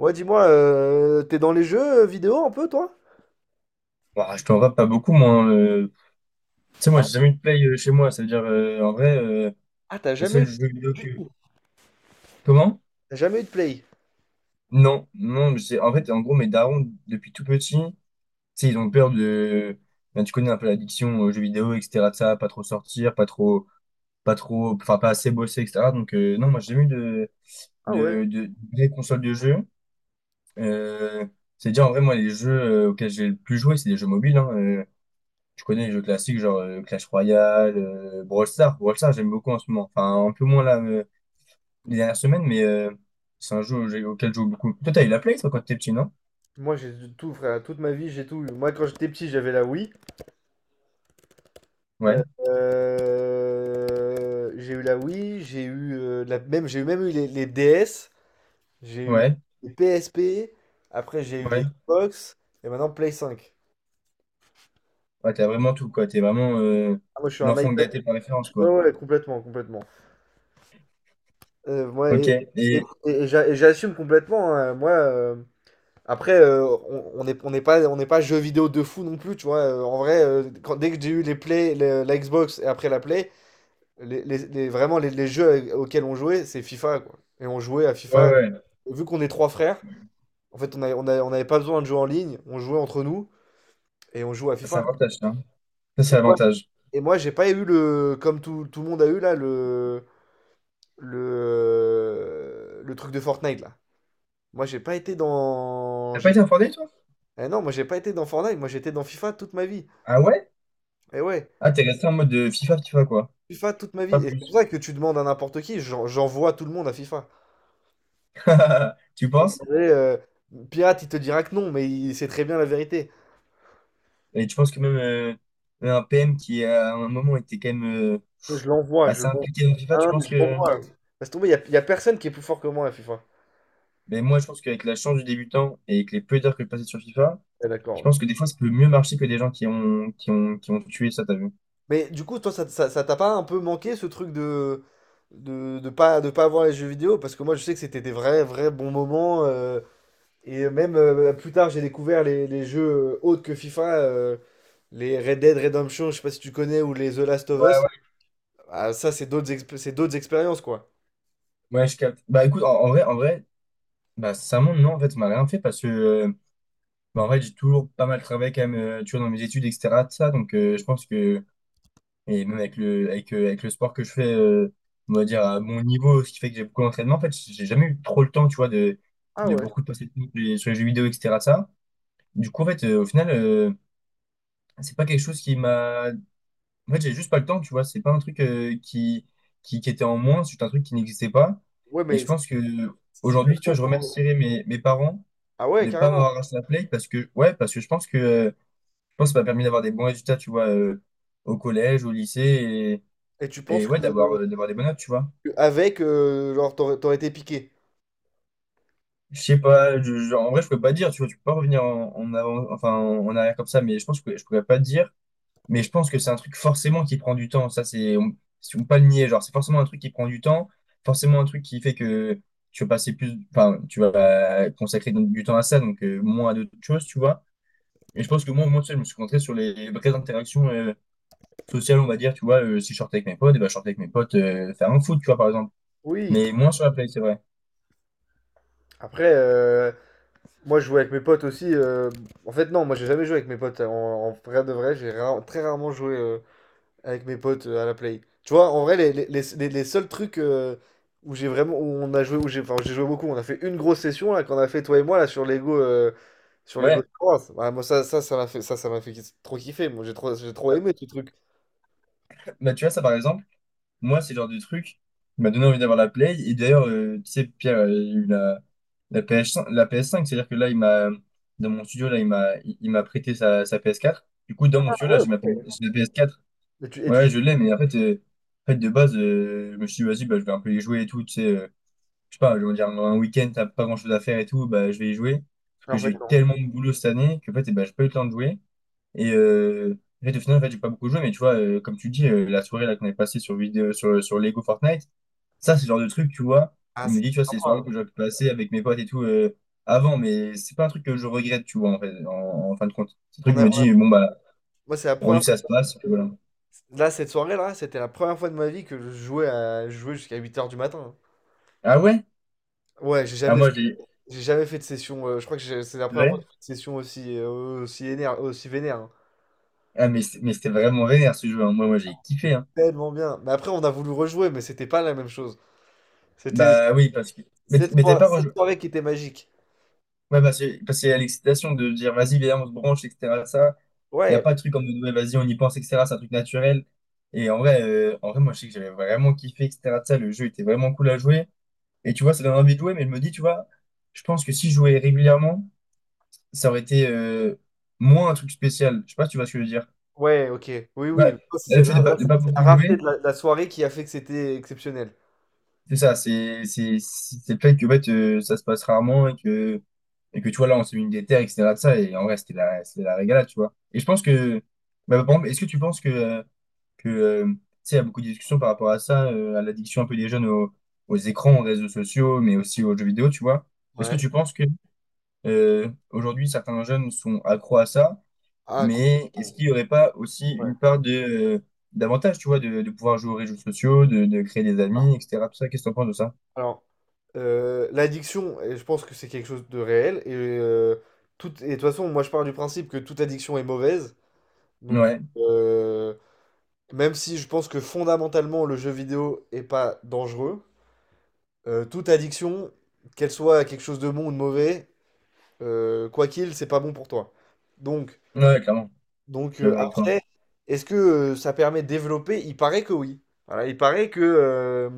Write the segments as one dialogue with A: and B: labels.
A: Ouais, dis-moi, t'es dans les jeux vidéo un peu, toi?
B: Bah, je t'en vas pas beaucoup, moi. Hein, Tu sais,
A: Ah,
B: moi, j'ai
A: ouais.
B: jamais eu de play chez moi. Ça veut dire, en vrai,
A: Ah,
B: les seuls jeux vidéo que... Comment?
A: t'as jamais eu de Play?
B: Non, non, mais c'est... En fait, en gros, mes darons, depuis tout petit, tu sais, ils ont peur de... Ben, tu connais un peu l'addiction aux jeux vidéo, etc. de ça, pas trop sortir, pas trop... Pas trop... Enfin, pas assez bosser, etc. Donc, non, moi, j'ai jamais eu
A: Ah ouais.
B: De... des consoles de jeux. Euh... C'est-à-dire, en vrai, moi, les jeux auxquels j'ai le plus joué, c'est des jeux mobiles. Hein, Tu connais les jeux classiques, genre Clash Royale, Brawl Stars. Brawl Stars, j'aime beaucoup en ce moment. Enfin, un peu moins là, les dernières semaines, mais c'est un jeu auquel je joue beaucoup. Toi, t'as eu la Play, toi, quand t'étais petit, non?
A: Moi, j'ai de tout, frère. Toute ma vie, j'ai tout eu. Moi, quand j'étais petit, j'avais la Wii. Euh,
B: Ouais,
A: j'ai eu la Wii, j'ai eu la, même, j'ai eu même eu les DS, j'ai eu
B: ouais,
A: les PSP, après j'ai eu
B: ouais.
A: les Xbox, et maintenant Play 5.
B: Ouais, t'as vraiment tout, quoi. T'es vraiment
A: Ah, moi, je suis un
B: l'enfant
A: iPad,
B: gâté par référence,
A: ouais,
B: quoi.
A: ouais, complètement, complètement. Moi,
B: Ok, et...
A: j'assume complètement, hein. Après, on n'est pas jeu vidéo de fou non plus, tu vois. En vrai, dès que j'ai eu les Play, la Xbox et après la Play, vraiment les jeux auxquels on jouait, c'est FIFA, quoi. Et on jouait à
B: Ouais,
A: FIFA.
B: ouais,
A: Et vu qu'on est trois frères, en fait, on n'avait pas besoin de jouer en ligne, on jouait entre nous et on jouait à
B: c'est
A: FIFA.
B: l'avantage, ça. Ça,
A: Et
B: c'est
A: toi,
B: l'avantage.
A: et moi, j'ai pas eu comme tout, tout le monde a eu là, le truc de Fortnite là. Moi, j'ai pas été dans,
B: T'as pas
A: j'ai,
B: été en informé, toi?
A: eh non, moi j'ai pas été dans Fortnite, moi j'étais dans FIFA toute ma vie.
B: Ah ouais?
A: Et ouais.
B: Ah, t'es resté en mode FIFA, FIFA, quoi.
A: FIFA toute ma vie.
B: Pas
A: Et c'est pour
B: plus.
A: ça que tu demandes à n'importe qui, j'envoie tout le monde à FIFA.
B: Tu
A: Tu peux
B: penses?
A: demander, Pirate, il te dira que non, mais il sait très bien la vérité.
B: Et tu penses que même un PM qui, à un moment, était quand même... euh,
A: Je l'envoie, je
B: assez
A: l'envoie.
B: impliqué dans FIFA, tu
A: Hein,
B: penses
A: je
B: que...
A: l'envoie. Laisse tomber, y a personne qui est plus fort que moi à FIFA.
B: Mais moi, je pense qu'avec la chance du débutant et avec les peu d'heures que je passais sur FIFA,
A: Ouais, d'accord.
B: je pense que
A: Ouais.
B: des fois, ça peut mieux marcher que des gens qui ont, qui ont tué ça, t'as vu?
A: Mais du coup, toi, ça t'a pas un peu manqué ce truc de pas avoir les jeux vidéo? Parce que moi, je sais que c'était des vrais, vrais bons moments. Et même plus tard, j'ai découvert les jeux autres que FIFA. Les Red Dead Redemption, je sais pas si tu connais, ou les The Last of
B: Ouais,
A: Us.
B: ouais.
A: Ah, ça, c'est d'autres expériences, quoi.
B: Ouais, je capte. Bah écoute, en vrai, bah ça monte, non, en fait, ça m'a rien fait parce que, bah, en vrai, j'ai toujours pas mal travaillé quand même, tu vois, dans mes études, etc., de ça, donc je pense que, et même avec avec le sport que je fais, on va dire, à mon niveau, ce qui fait que j'ai beaucoup d'entraînement, en fait, j'ai jamais eu trop le temps, tu vois,
A: Ah
B: de
A: ouais.
B: beaucoup de passer de temps sur les jeux vidéo, etc., de ça. Du coup, en fait, au final, c'est pas quelque chose qui m'a. En fait, j'ai juste pas le temps, tu vois. C'est pas un truc qui, qui était en moins, c'est un truc qui n'existait pas.
A: Ouais,
B: Et
A: mais
B: je pense que
A: si t'as le
B: aujourd'hui, tu vois,
A: temps
B: je
A: pour.
B: remercierais mes parents
A: Ah ouais,
B: de pas
A: carrément.
B: m'avoir acheté la Play parce que, ouais, parce que je pense que ça m'a permis d'avoir des bons résultats, tu vois, au collège, au lycée
A: Et tu
B: et
A: penses que
B: ouais, d'avoir des bonnes notes, tu vois.
A: avec, genre, t'aurais été piqué.
B: Je sais pas, en vrai, je pourrais pas dire, tu vois, tu peux pas revenir en avant, enfin, en arrière comme ça, mais je pense que je pourrais pas dire. Mais je pense que c'est un truc forcément qui prend du temps. Ça, c'est, on, si on peut pas le nier. Genre, c'est forcément un truc qui prend du temps, forcément un truc qui fait que tu vas passer plus, enfin, tu vas consacrer donc du temps à ça, donc moins à d'autres choses, tu vois. Et je pense que tu sais, je me suis concentré sur les vraies interactions sociales, on va dire, tu vois. Si je sortais avec mes potes, et ben, je sortais avec mes potes faire un foot, tu vois, par exemple.
A: Oui.
B: Mais moins sur la play, c'est vrai.
A: Après, moi, je jouais avec mes potes aussi. En fait, non, moi, j'ai jamais joué avec mes potes. En vrai de vrai, très rarement joué avec mes potes à la play. Tu vois, en vrai, les seuls trucs où j'ai vraiment, où on a joué, où enfin, j'ai joué beaucoup. On a fait une grosse session là qu'on a fait toi et moi là sur Lego. Sur les
B: Ouais,
A: Ghost Wars. Ouais, moi, ça m'a fait trop kiffer. Moi, j'ai trop aimé ce truc.
B: bah, tu vois, ça, par exemple. Moi, c'est le genre de truc qui m'a donné envie d'avoir la Play. Et d'ailleurs, tu sais, Pierre, il a eu la PS5, la PS5, c'est-à-dire que là, il m'a, dans mon studio, là, il m'a, il m'a prêté sa PS4. Du coup, dans mon
A: Ah
B: studio,
A: ouais,
B: là, j'ai
A: ouais.
B: j'ai la PS4.
A: Et
B: Ouais,
A: tu joues.
B: ouais, je l'ai, mais en fait, de base, je me suis dit, vas-y, bah, je vais un peu y jouer et tout, tu sais, je sais pas, je vais dire, un week-end, t'as pas grand-chose à faire et tout, bah, je vais y jouer. Parce que
A: En
B: j'ai
A: fait,
B: eu
A: non.
B: tellement de boulot cette année que, en fait, eh ben, j'ai pas eu le temps de jouer. Et en fait, au final, en fait, j'ai pas beaucoup joué, mais tu vois, comme tu dis, la soirée là qu'on est passée sur, sur Lego Fortnite, ça, c'est le genre de truc, tu vois,
A: Ah,
B: où je me
A: c'était
B: dis, tu vois, c'est les
A: sympa.
B: soirées que j'aurais pu passer avec mes potes et tout avant, mais c'est pas un truc que je regrette, tu vois, en fait, en fin de compte. C'est un truc que je me
A: On a-
B: dis, bon, bah,
A: Moi, c'est la
B: rendu
A: première.
B: que ça se
A: Fois-
B: passe, puis voilà.
A: Là, cette soirée-là, c'était la première fois de ma vie que je jouais à jouer jusqu'à huit heures du matin.
B: Ah ouais?
A: Ouais,
B: Ah, moi, j'ai.
A: j'ai jamais fait de session. Je crois que c'est la première fois que
B: Ouais?
A: j'ai fait une session aussi vénère. Hein.
B: Ah, mais mais c'était vraiment vénère ce jeu, hein. Moi, moi, j'ai kiffé,
A: C'était
B: hein.
A: tellement bien. Mais après, on a voulu rejouer, mais c'était pas la même chose. C'était
B: Bah oui, parce que. Mais t'avais pas
A: cette
B: rejou-
A: soirée qui était magique.
B: Ouais, bah, c'est, parce qu'il y a l'excitation de dire, vas-y, viens, on se branche, etc. Ça, il n'y a
A: Ouais.
B: pas de truc comme de, ouais, vas-y, on y pense, etc. C'est un truc naturel. Et en vrai, moi, je sais que j'avais vraiment kiffé, etc. de ça, le jeu était vraiment cool à jouer. Et tu vois, ça donne envie de jouer, mais je me dis, tu vois, je pense que si je jouais régulièrement, ça aurait été moins un truc spécial. Je sais pas si tu vois ce que je veux dire.
A: Ouais, ok. Oui, oui.
B: Bah, le fait
A: Là, là,
B: de
A: c'est-
B: pas
A: c'est la
B: beaucoup
A: rareté
B: jouer,
A: de la soirée qui a fait que c'était exceptionnel.
B: c'est ça, c'est le fait que en fait, ça se passe rarement et que tu vois, là, on s'est mis une des terres, et cetera de ça, et en vrai, c'était la régalade, tu vois. Et je pense que, bah, par exemple, est-ce que tu penses que, tu sais, il y a beaucoup de discussions par rapport à ça, à l'addiction un peu des jeunes aux, aux écrans, aux réseaux sociaux, mais aussi aux jeux vidéo, tu vois. Est-ce que
A: Ouais.
B: tu penses que aujourd'hui, certains jeunes sont accros à ça,
A: Ah,
B: mais est-ce
A: complètement.
B: qu'il n'y aurait pas aussi
A: Ouais.
B: une part de, d'avantage, tu vois, de pouvoir jouer aux réseaux sociaux, de créer des amis, etc. Tout ça, qu'est-ce que tu en penses de ça?
A: Alors, l'addiction, et je pense que c'est quelque chose de réel. Et, de toute façon, moi, je pars du principe que toute addiction est mauvaise. Donc,
B: Ouais,
A: euh, même si je pense que fondamentalement, le jeu vidéo est pas dangereux, toute addiction, qu'elle soit quelque chose de bon ou de mauvais, c'est pas bon pour toi. Donc,
B: ouais, clairement, je suis d'accord avec toi.
A: Après, est-ce que ça permet de développer? Il paraît que oui. Voilà, il paraît que, euh,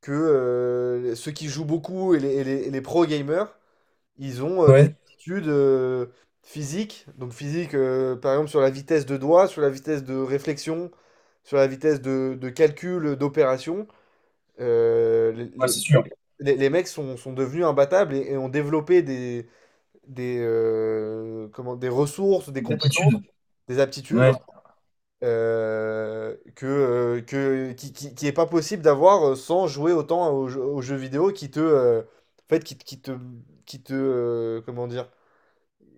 A: que euh, ceux qui jouent beaucoup et les pro gamers, ils ont des
B: Ouais,
A: aptitudes physiques. Donc physique, par exemple sur la vitesse de doigt, sur la vitesse de réflexion, sur la vitesse de calcul, d'opération. Euh, les,
B: ouais,
A: les-
B: c'est
A: les
B: sûr.
A: mecs les mecs sont devenus imbattables et ont développé des ressources, des compétences,
B: L'attitude,
A: des aptitudes
B: ouais,
A: qui est pas possible d'avoir sans jouer autant aux jeux vidéo qui te, comment dire,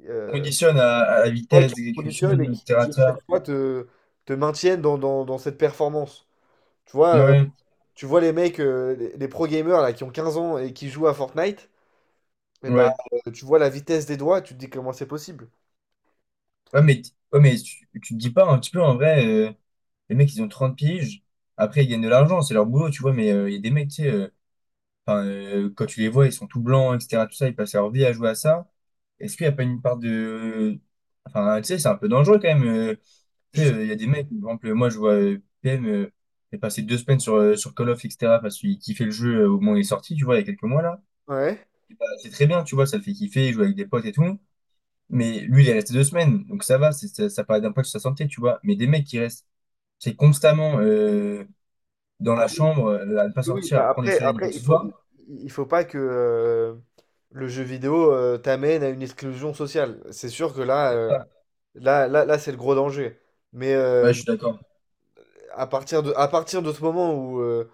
A: euh,
B: conditionne à la
A: ouais, qui
B: vitesse
A: te
B: d'exécution,
A: conditionnent et
B: etc.
A: à
B: etc.
A: chaque fois te maintiennent dans cette performance. Tu vois, euh,
B: Ouais,
A: tu vois les mecs, les pro gamers là, qui ont 15 ans et qui jouent à Fortnite, et bah,
B: ouais,
A: tu vois la vitesse des doigts, tu te dis comment c'est possible.
B: ouais, mais, ouais, mais tu te dis pas un petit peu en vrai, les mecs ils ont 30 piges, après ils gagnent de l'argent, c'est leur boulot, tu vois, mais il y a des mecs, tu sais, quand tu les vois, ils sont tout blancs, etc., tout ça, ils passent leur vie à jouer à ça. Est-ce qu'il n'y a pas une part de. Enfin, tu sais, c'est un peu dangereux quand même. Tu
A: Je
B: sais,
A: sais-
B: il y a des mecs, par exemple, moi je vois PM, il est passé 2 semaines sur, sur Call of, etc., parce qu'il kiffait le jeu au moment où il est sorti, tu vois, il y a quelques mois là.
A: Ouais.
B: Et bah, c'est très bien, tu vois, ça le fait kiffer, il joue avec des potes et tout. Mais lui, il est resté 2 semaines, donc ça va, ça, ça pas d'impact sur sa santé, tu vois. Mais des mecs qui restent, c'est constamment dans la chambre, à ne pas
A: Oui, oui,
B: sortir, à pas
A: bah
B: prendre le soleil ni quoi
A: après,
B: que ce soit.
A: il faut pas que le jeu vidéo t'amène à une exclusion sociale. C'est sûr que
B: C'est ça.
A: là, là, là, c'est le gros danger. Mais
B: Ouais, je suis d'accord.
A: à partir de ce moment où, euh,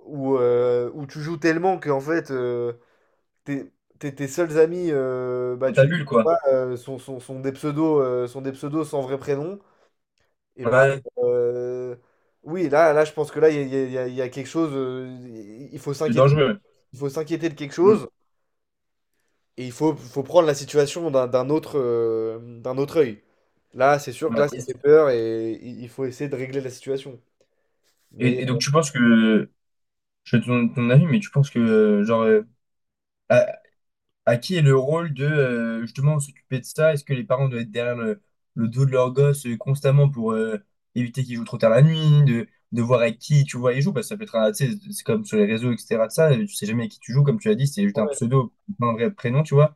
A: où, euh, où tu joues tellement que en fait, tes, tes seuls amis, bah,
B: Dans ta
A: tu les
B: bulle,
A: connais
B: quoi.
A: pas, sont des pseudos, sans vrai prénom, et bah,
B: Ouais,
A: euh, oui, là, là, je pense que là, il y a, il y a- il y a- il y a quelque chose,
B: c'est dangereux.
A: il faut s'inquiéter de quelque
B: Mm.
A: chose. Et faut prendre la situation d'un autre œil. Là, c'est sûr que là,
B: Ouais.
A: ça fait peur et il faut essayer de régler la situation. Mais
B: Et donc tu penses que, je fais ton, ton avis, mais tu penses que, genre, à, À qui est le rôle de justement s'occuper de ça? Est-ce que les parents doivent être derrière le dos de leur gosse constamment pour éviter qu'ils jouent trop tard la nuit, de voir avec qui tu vois ils jouent, parce que ça peut être, tu sais, c'est comme sur les réseaux, etc. de ça, tu sais jamais avec qui tu joues, comme tu l'as dit, c'est juste un
A: ouais,
B: pseudo, pas un vrai prénom, tu vois.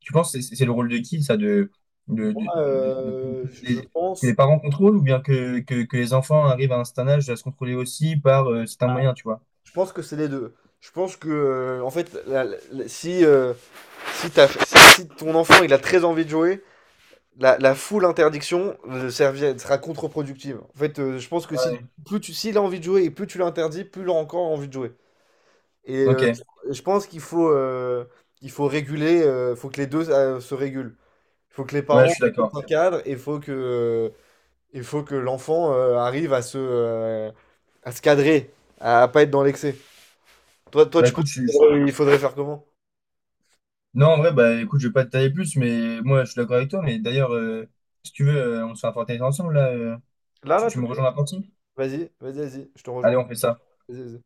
B: Tu penses que c'est le rôle de qui, ça, de,
A: moi,
B: de- de- de- de- que les parents contrôlent ou bien que, que les enfants arrivent à un certain âge à se contrôler aussi par certains
A: à-
B: moyens, tu vois?
A: je pense que c'est les deux. Je pense que, en fait, si, si, t'as- si, si ton enfant il a très envie de jouer, la full interdiction sera contre-productive. En fait, je pense que
B: Ouais.
A: si plus tu, s'il a envie de jouer et plus tu l'interdis, plus il aura encore envie de jouer. Et
B: Ok,
A: je pense il faut réguler, faut que les deux se régulent. Il faut que les
B: ouais, je suis
A: parents posent un
B: d'accord.
A: cadre et il faut que l'enfant arrive à à se cadrer, à pas être dans l'excès. Toi,
B: Bah
A: tu penses
B: écoute, je suis.
A: il faudrait faire comment?
B: Non, en vrai, bah écoute, je vais pas te tailler plus, mais moi je suis d'accord avec toi. Mais d'ailleurs, si tu veux, on se fait un Fortnite ensemble là.
A: Là,
B: Tu,
A: là,
B: tu
A: tout
B: me
A: de
B: rejoins à
A: suite?
B: la partie?
A: Vas-y, vas-y, vas-y, je te
B: Allez,
A: rejoins.
B: on fait ça.
A: Vas-y, vas-y.